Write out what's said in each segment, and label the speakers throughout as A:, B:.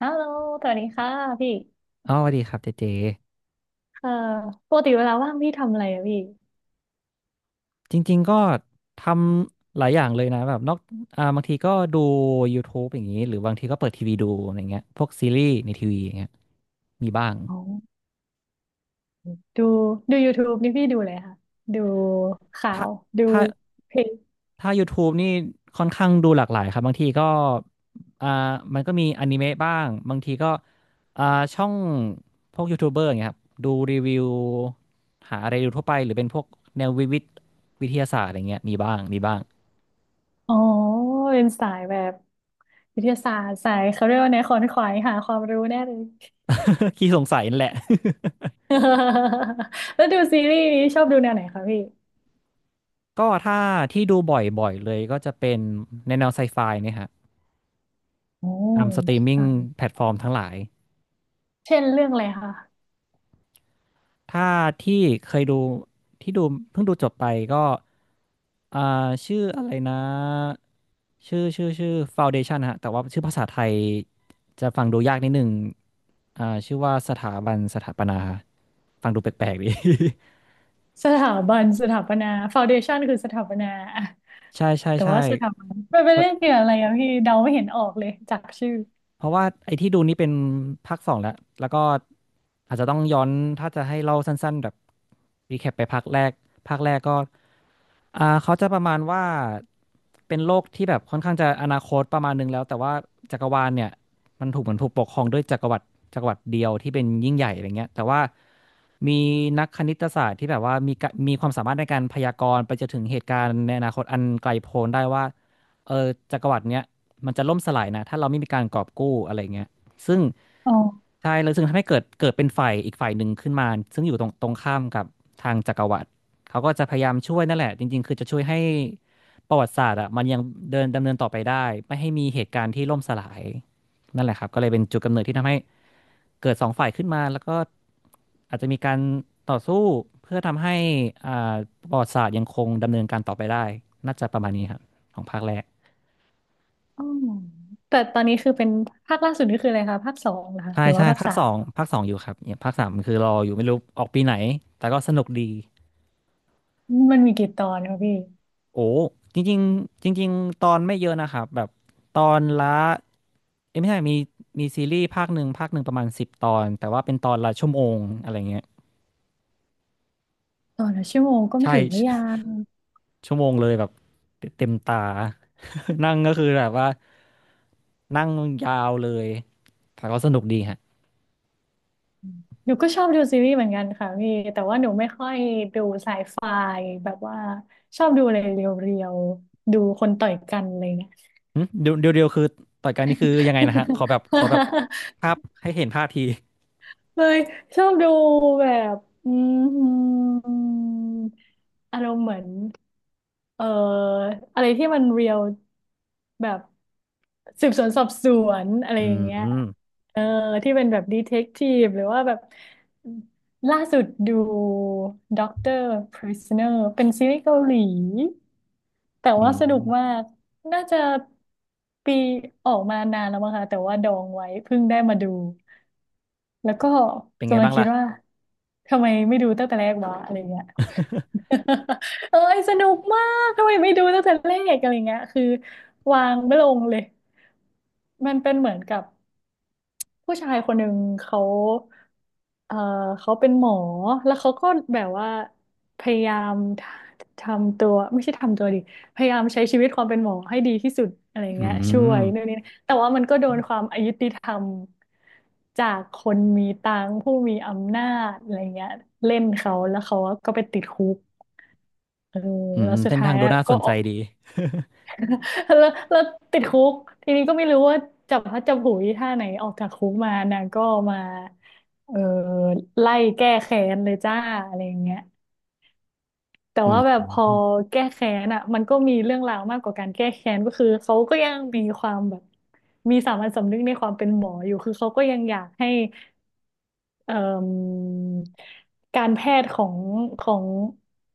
A: ฮัลโหลสวัสดีค่ะพี่
B: อ๋อสวัสดีครับเจเจ
A: เอ่อปกติเวลาว่างพี่ทำอะไรอะพี่
B: จริงๆ ก็ทำหลายอย่างเลยนะแบบนอกบางทีก็ดู YouTube อย่างนี้หรือบางทีก็เปิดทีวีดูอะไรเงี้ยพวกซีรีส์ในทีวีอย่างเงี้ยมีบ้าง
A: อ๋อดูดู YouTube นี่พี่ดูเลยค่ะดูข่า
B: ถ้า
A: วดู
B: ถ้า
A: เพลง
B: ถ้า YouTube นี่ค่อนข้างดูหลากหลายครับบางทีก็อ่ามันก็มีอนิเมะบ้างบางทีก็อ่าช่องพวกยูทูบเบอร์อย่างเงี้ยครับดูรีวิวหาอะไรดูทั่วไปหรือเป็นพวกแนววิทยาศาสตร์อะไรเงี้ยมีบ้างมีบ้าง
A: อ๋อเป็นสายแบบวิทยาศาสตร์สายเขาเรียกว่าแนวขวนขวายหาความรู้แน่เลย
B: ขี้สงสัยนั่นแหละ
A: แล้วดูซีรีส์นี้ชอบดูแนวไหนคะพี่
B: ก็ถ้าที่ดูบ่อยๆเลยก็จะเป็นในแนวไซไฟเนี่ยฮะ
A: โอ้
B: ตามสตรีมมิ่ง
A: ใช่
B: แพลตฟอร์มทั้งหลาย
A: เช่นเรื่องอะไรคะ
B: ถ้าที่เคยดูที่ดูเพิ่งดูจบไปก็อ่าชื่ออะไรนะชื่อ Foundation ฮะแต่ว่าชื่อภาษาไทยจะฟังดูยากนิดนึงชื่อว่าสถาบันสถาปนาฟังดูแปลกๆดี
A: สถาบันสถาปนาฟาวเดชันคือสถาปนา
B: ใช่ใช่
A: แต่
B: ใช่
A: ว่าสถาบันไม่ไปเล่นเกี่ยวอะไรอะพี่เดาไม่เห็นออกเลยจากชื่อ
B: เพราะว่าไอ้ที่ดูนี่เป็นภาคสองแล้วแล้วก็อาจจะต้องย้อนถ้าจะให้เล่าสั้นๆแบบรีแคปไปภาคแรกภาคแรกก็เขาจะประมาณว่าเป็นโลกที่แบบค่อนข้างจะอนาคตประมาณนึงแล้วแต่ว่าจักรวาลเนี่ยมันถูกเหมือนถูกปกครองด้วยจักรวรรดิเดียวที่เป็นยิ่งใหญ่อะไรเงี้ยแต่ว่ามีนักคณิตศาสตร์ที่แบบว่ามีกะมีความสามารถในการพยากรณ์ไปจนถึงเหตุการณ์ในอนาคตอันไกลโพ้นได้ว่าเออจักรวรรดิเนี้ย มันจะล่มสลายนะถ้าเราไม่มีการกอบกู้อะไรเงี้ยซึ่ง
A: อ๋อ
B: ใช่เลยซึ่งทำให้เกิดเป็นฝ่ายอีกฝ่ายหนึ่งขึ้นมาซึ่งอยู่ตรงข้ามกับทางจักรวรรดิเขาก็จะพยายามช่วยนั่นแหละจริงๆคือจะช่วยให้ประวัติศาสตร์อ่ะมันยังเดินดำเนินต่อไปได้ไม่ให้มีเหตุการณ์ที่ล่มสลายนั่นแหละครับก็เลยเป็นจุดกำเนิดที่ทำให้เกิดสองฝ่ายขึ้นมาแล้วก็อาจจะมีการต่อสู้เพื่อทำให้อ่าประวัติศาสตร์ยังคงดำเนินการต่อไปได้น่าจะประมาณนี้ครับของภาคแรก
A: อ๋อแต่ตอนนี้คือเป็นภาคล่าสุดนี่คืออะไรคะภาคสองเหรอคะ
B: ใช่
A: หรือ
B: ใช่
A: ว่าภาค
B: ภาค
A: สา
B: สอ
A: ม
B: งภาคสองอยู่ครับเนี่ยภาคสามคือรออยู่ไม่รู้ออกปีไหนแต่ก็สนุกดี
A: มันมีกี่ตอนคะพี่
B: โอ้จริงๆจริงๆตอนไม่เยอะนะครับแบบตอนละเอ้ยไม่ใช่มีซีรีส์ภาคหนึ่งภาคหนึ่งประมาณ10 ตอนแต่ว่าเป็นตอนละชั่วโมงอะไรเงี้ย
A: ตอนละชั่วโมงก็ไม่
B: ใช่
A: ถือว่ายาว
B: ชั่วโมงเลยแบบเต็มตา นั่งก็คือแบบว่านั่งยาวเลยแต่ก็สนุกดีฮะ
A: หนูก็ชอบดูซีรีส์เหมือนกันค่ะพี่แต่ว่าหนูไม่ค่อยดูไซไฟแบบว่าชอบดูอะไรเรียวๆดูคนต่อยกันอะไรเงี้ย
B: หึเดี๋ยวเดี๋ยวเดี๋ยวคือต่อยกันนี่คือยังไงนะฮะขอแบบ ภาพให้เห็นภาพที
A: เลยชอบดูแบบอืมอารมณ์เหมือน เอ่ออะไรที่มันเรียลแบบสืบสวนสอบสวนอะไร
B: อื
A: อย่างเงี้ย
B: ม
A: เออที่เป็นแบบดีเทคทีฟหรือว่าแบบล่าสุดดูด็อกเตอร์ Prisoner เป็นซีรีส์เกาหลีแต่
B: อื
A: ว่าสนุกมา
B: ม
A: กน่าจะปีออกมานานแล้วมั้งคะแต่ว่าดองไว้เพิ่งได้มาดู แล้วก็
B: เป็นไง
A: กำลัง
B: บ้าง
A: คิด
B: ล่ะ
A: ว่าทำไมไม่ดูตั้งแต่แรกวะอะไรเงี้ย เอ้ยสนุกมากทำไมไม่ดูตั้งแต่แรกอะไรเงี้ยคือวางไม่ลงเลยมันเป็นเหมือนกับ ผู้ชายคนหนึ่งเขาเอ่อเขาเป็นหมอแล้วเขาก็แบบว่าพยายามททำตัวไม่ใช่ทำตัวดิพยายามใช้ชีวิตความเป็นหมอให้ดีที่สุดอะไร
B: อื
A: เงี้ยช่ว
B: ม
A: ยนู่นนี่แต่ว่ามันก็โดนความอยุติธรรมจากคนมีตังค์ผู้มีอำนาจอะไรเงี้ยเล่นเขาแล้วเขาก็ไปติดคุกเออ
B: อื
A: แล้
B: ม
A: วสุด
B: เส้น
A: ท้า
B: ทาง
A: ย
B: ดูน่าส
A: ก็
B: นใจดี
A: แล้วติดคุกทีนี้ก็ไม่รู้ว่าจับพลัดจับผลูท่าไหนออกจากคุกมานางก็มาเออไล่แก้แค้นเลยจ้าอะไรอย่างเงี้ยแต่
B: อื
A: ว่าแบบพอ
B: ม
A: แก้แค้นอ่ะมันก็มีเรื่องราวมากกว่าการแก้แค้นก็คือเขาก็ยังมีความแบบมีสามัญสำนึกในความเป็นหมออยู่คือเขาก็ยังอยากให้เอ่มการแพทย์ของ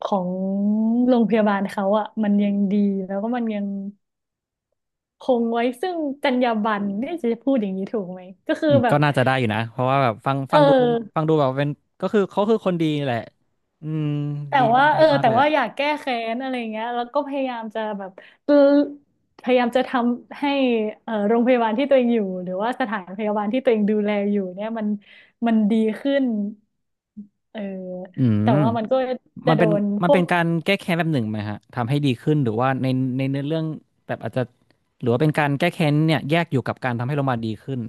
A: ของโรงพยาบาลเขาอ่ะมันยังดีแล้วก็มันยัง คงไว้ซึ่งจรรยาบรรณเนี่ยจะพูดอย่างนี้ถูกไหมก็คือ
B: อืม
A: แบ
B: ก็
A: บ
B: น่าจะได้อยู่นะเพราะว่าแบบฟัง
A: เอ
B: ฟังดูฟัง
A: อ
B: ดูแบบเป็นก็คือเขาคือคนดีแหละอืม
A: แต่
B: ดีมา
A: ว่า
B: ก
A: เอ
B: ดี
A: อ
B: มาก
A: แต่
B: แหละ
A: ว่าอยากแก้แค้นอะไรเงี้ยแล้วก็พยายามจะแบบเออพยายามจะทำให้เออโรงพยาบาลที่ตัวเองอยู่หรือว่าสถานพยาบาลที่ตัวเองดูแลอยู่เนี่ยมันดีขึ้นเออ
B: อื
A: แต่
B: ม
A: ว่ามันก็จะ
B: มัน
A: โด
B: เป็น
A: นพ
B: มัน
A: ว
B: เป็
A: ก
B: นการแก้แค้นแบบหนึ่งไหมฮะทำให้ดีขึ้นหรือว่าในในเนื้อเรื่องแบบอาจจะหรือว่าเป็นการแก้แค้นเนี่ยแยกอยู่กับการทำให้เรามาดีขึ้น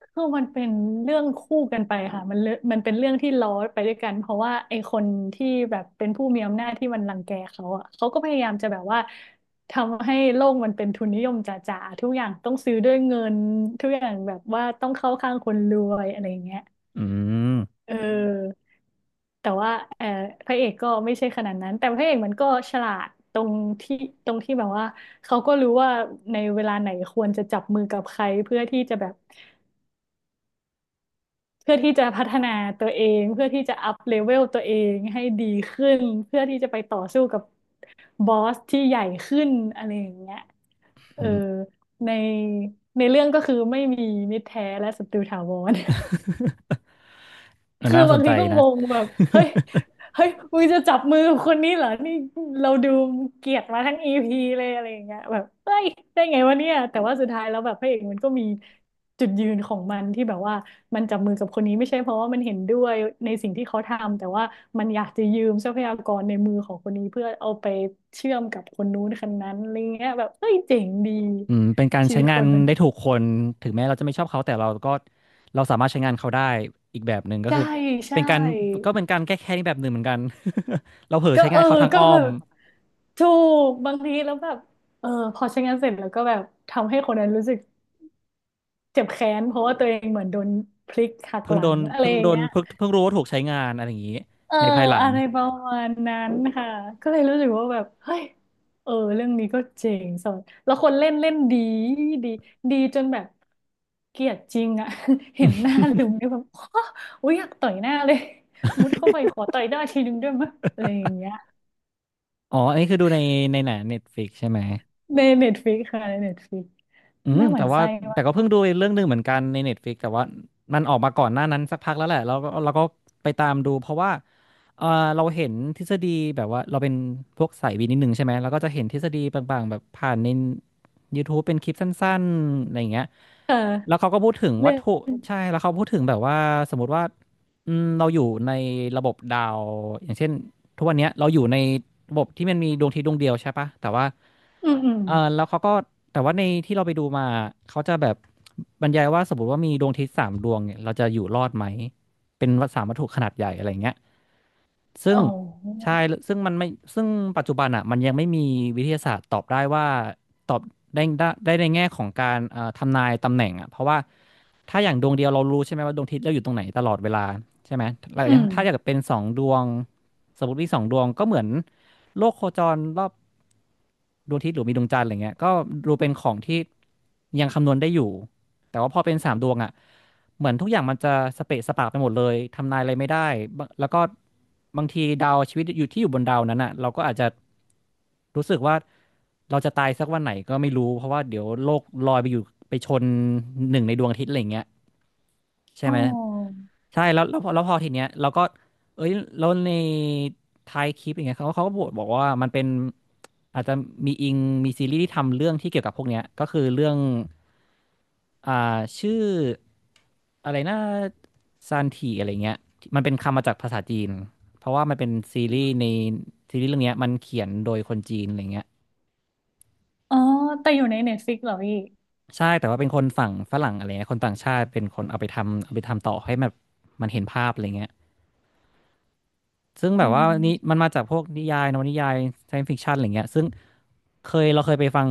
A: คือมันเป็นเรื่องคู่กันไปค่ะมันเลมันเป็นเรื่องที่ล้อไปด้วยกันเพราะว่าไอ้คนที่แบบเป็นผู้มีอำนาจที่มันรังแกเขาอ่ะเขาก็พยายามจะแบบว่าทำให้โลกมันเป็นทุนนิยมจ๋าๆทุกอย่างต้องซื้อด้วยเงินทุกอย่างแบบว่าต้องเข้าข้างคนรวยอะไรอย่างเงี้ย
B: อืม
A: เออแต่ว่าเออพระเอกก็ไม่ใช่ขนาดนั้นแต่พระเอกมันก็ฉลาดที่ตรงที่แบบว่าเขาก็รู้ว่าในเวลาไหนควรจะจับมือกับใครเพื่อที่จะแบบ เพื่อที่จะพัฒนาตัวเองเพื่อที่จะอัพเลเวลตัวเองให้ดีขึ้นเพื่อที่จะไปต่อสู้กับบอสที่ใหญ่ขึ้นอะไรอย่างเงี้ยเอ
B: อื
A: อ
B: ม
A: ในในเรื่องก็คือไม่มีมิตรแท้และศัตรูถาวร
B: เออ
A: คือ
B: น่าส
A: บา
B: น
A: ง
B: ใจ
A: ทีก็ง
B: นะ
A: งแบบเฮ้ย เฮ้ยมึงจะจับมือกับคนนี้เหรอนี่เราดูเกลียดมาทั้งอีพีเลยอะไรอย่างเงี้ยแบบเฮ้ยได้ไงวะเนี่ย แต่ว่าสุดท้ายแล้วแบบพระเอกมันก็มีจุดยืนของมันที่แบบว่ามันจับมือกับคนนี้ไม่ใช่เพราะว่ามันเห็นด้วยในสิ่งที่เขาทำแต่ว่ามันอยากจะยืมทรัพยากรในมือของคนนี้เพื่อเอาไปเชื่อมกับคนนู้นคนนั้นอะไรเงี้ยแบบเฮ้ยเจ๋งดี
B: อืมเป็นการ
A: ชี
B: ใช้
A: วิต
B: งา
A: ค
B: น
A: นมัน
B: ได้ถูกคนถึงแม้เราจะไม่ชอบเขาแต่เราก็เราสามารถใช้งานเขาได้อีกแบบหนึ่งก็
A: ใช่
B: คือ
A: ใช่
B: เป็นการก็เป็นการแก้แค้นอีกแบบหนึ่งเหมือนกัน เราเผลอ
A: ก็
B: ใช้
A: เอ
B: งาน
A: อ
B: เขาทาง
A: ก็
B: อ้อ
A: แบ
B: ม
A: บถูกบางทีแล้วแบบเออพอใช้งานเสร็จแล้วก็แบบทำให้คนนั้นรู้สึกเจ็บแค้นเพราะว่าตัวเองเหมือนโดนพลิกหัก
B: เพิ่
A: ห
B: ง
A: ลั
B: โด
A: ง
B: น
A: อะไร
B: เพิ่ง
A: อย่าง
B: โดน
A: เงี้ย
B: เพิ่งรู้ว่าถูกใช้งานอะไรอย่างนี้
A: เออ
B: ในภายหลัง
A: อะไรประมาณนั้นค่ะก็เลยรู้สึกว่าแบบเฮ้ยเออเรื่องนี้ก็เจ๋งสดแล้วคนเล่นเล่นดีดีดีจนแบบเกลียดจริงอะ เห็นหน้าลุงเนี่ยแบบ โอ้ยอยากต่อยหน้าเลยมุดเข้าไปขอต่อยหน้าทีนึงด้วยมั้ยอะไรอย่างเงี้ย
B: อ๋ออันนี้คือดูในในหนังเน็ตฟลิกใช่ไหม
A: ในเน็ตฟ i ิกค่ะในเน็ตฟ i ิก
B: อืม
A: น่าห
B: แต่
A: วั่น
B: ว่า
A: ไส้
B: แต่
A: ว่ะ
B: ก็เพิ่งดูเรื่องหนึ่งเหมือนกันใน Netflix แต่ว่ามันออกมาก่อนหน้านั้นสักพักแล้วแหละแล้วก็เราก็ไปตามดูเพราะว่าเออเราเห็นทฤษฎีแบบว่าเราเป็นพวกสายวินนิดนึงใช่ไหมเราก็จะเห็นทฤษฎีบางๆแบบผ่านใน YouTube เป็นคลิปสั้นๆอะไรอย่างเงี้ย
A: เอ
B: แล้ว
A: อ
B: เขาก็พูดถึงวั
A: เรื่
B: ต
A: อ
B: ถุ
A: ง
B: ใช่แล้วเขาพูดถึงแบบว่าสมมติว่าอืมเราอยู่ในระบบดาวอย่างเช่น ทุกวันเนี้ยเราอยู่ในระบบที่มันมีดวงอาทิตย์ดวงเดียวใช่ปะ แต่ว่า
A: อืมอืม
B: เออแล้วเขาก็แต่ว่าในที่เราไปดูมาเขาจะแบบบรรยายว่าสมมติว่ามีดวงอาทิตย์สามดวงเนี่ยเราจะอยู่รอดไหม เป็นสามวัตถุขนาดใหญ่อะไรเงี้ยซึ่ง
A: อ๋
B: ใช่
A: อ
B: ซึ่งมันไม่ซึ่งปัจจุบันอ่ะมันยังไม่มีวิทยาศาสตร์ตอบได้ว่าตอบได้ในแง่ของการทำนายตำแหน่งอ่ะเพราะว่า ถ้าอย่างดวงเดียวเรารู้ใช่ไหมว่าดวงอาทิตย์เราอยู่ตรงไหนตลอดเวลาใช่ไหมแล้ว
A: อื
B: อย่าง
A: ม
B: ถ้าอยากเป็นสองดวงสมมติมีสองดวงก็เหมือนโลกโคจรรอบดวงอาทิตย์หรือมีดวงจันทร์อะไรเงี้ยก็ดูเป็นของที่ยังคำนวณได้อยู่ แต่ว่าพอเป็นสามดวงอ่ะ เหมือนทุกอย่างมันจะสเปะสปะไปหมดเลยทำนายอะไรไม่ได้บางแล้วก็บางทีดาวชีวิตอยู่ที่อยู่บนดาวนั้นอ่ะเราก็อาจจะรู้สึกว่าเราจะตายสักวันไหนก็ไม่รู้เพราะว่าเดี๋ยวโลกลอยไปอยู่ไปชนหนึ่งในดวงอาทิตย์อะไรอย่างเงี้ย ใช่
A: อ๋อ
B: ไหมใช่แล้วพอทีเนี้ยเราก็เอ้ยแล้วในท้ายคลิปอย่างเงี้ยเขาก็บอกว่ามันเป็นอาจจะมีอิงมีซีรีส์ที่ทำเรื่องที่เกี่ยวกับพวกเนี้ยก็คือเรื่องอ่าชื่ออะไรนะซานทีอะไรเงี้ยมันเป็นคำมาจากภาษาจีนเพราะว่ามันเป็นซีรีส์ในซีรีส์เรื่องเนี้ยมันเขียนโดยคนจีนอะไรเงี้ย
A: อ๋อแต่อยู่ในเน็ตฟ i ิกเหรอพี่
B: ใช่แต่ว่าเป็นคนฝั่งฝรั่งอะไรเงี้ยคนต่างชาติเป็นคนเอาไปทำเอาไปทำต่อให้มันมันเห็นภาพอะไรเงี้ย ซึ่งแบ
A: อ๋
B: บว่านี่
A: อ
B: มันมาจากพวกนิยายนวนิยาย i e น c e ฟิ c ชันอะไรเงี้ยซึ่งเราเคยไปฟัง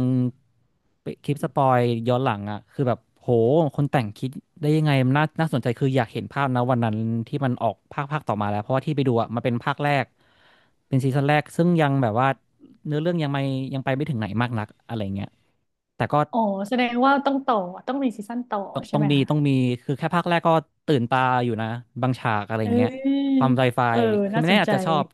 B: ไปคลิปสปอยย้อนหลังอ่ะคือแบบโหคนแต่งคิดได้ยังไงมันน่าสนใจคืออยากเห็นภาพนะวันนั้นที่มันออกภาคต่อมาแล้วเพราะว่าที่ไปดูอ่ะมันเป็นภาคแรกเป็นซีซั่นแรกซึ่งยังแบบว่าเนื้อเรื่องยังไม่ยังไปไม่ถึงไหนมากนักอะไรเงี้ยแต่ก็
A: อ๋อแสดงว่าต้องต่อต้องมีซีซั่นต่อ
B: ต้อง
A: ใช่
B: ต้อง
A: ไหม
B: มี
A: คะ
B: ต้องมีคือแค่ภาคแรกก็ตื่นตาอยู่นะบางฉากอะไร
A: เอ้
B: เงี้ย
A: ย
B: ความไซไฟ
A: เออ
B: คือ
A: น่า
B: ไม่
A: ส
B: แน่
A: น
B: อา
A: ใจ
B: จจะชอบ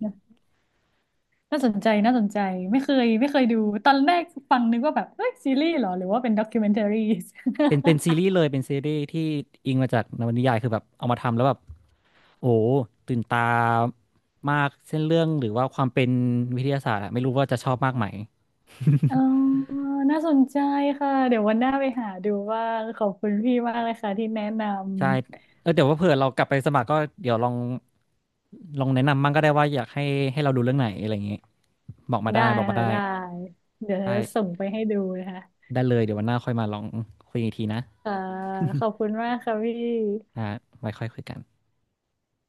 A: น่าสนใจน่าสนใจไม่เคยไม่เคยดูตอนแรกฟังนึกว่าแบบเอ้ยซีรีส์เหรอหรือว่าเป็นด็อกิ m e n t a r i e s
B: เป็น ซีรีส์เลยเป็นซีรีส์ที่อิงมาจากนวนิยายคือแบบเอามาทำแล้วแบบโอ้ตื่นตามากเส้นเรื่องหรือว่าความเป็นวิทยาศาสตร์อะไม่รู้ว่าจะชอบมากไหม
A: อ๋อน่าสนใจค่ะ เดี๋ยววันหน้าไปหาดูว่างขอบคุณพี่มากเลยค่ะที่แนะนำ
B: ใช่เออเดี๋ยวว่าเผื่อเรากลับไปสมัครก็เดี๋ยวลองแนะนำมั่งก็ได้ว่าอยากให้เราดูเรื่องไหนอะไรอย่างเงี้ยบอกมา
A: ได้
B: ได้บอกมา
A: ค่ะ
B: ได้
A: ได้ เดี๋ยวจะ
B: ได้
A: ส่งไปให้ดูนะคะ
B: ได้เลยเดี๋ยววันหน้าค่อยมาลองคุยอีกทีนะ
A: ค่ะขอบคุณมากค่ะพี่
B: อ่าไว้ค่อยคุยกัน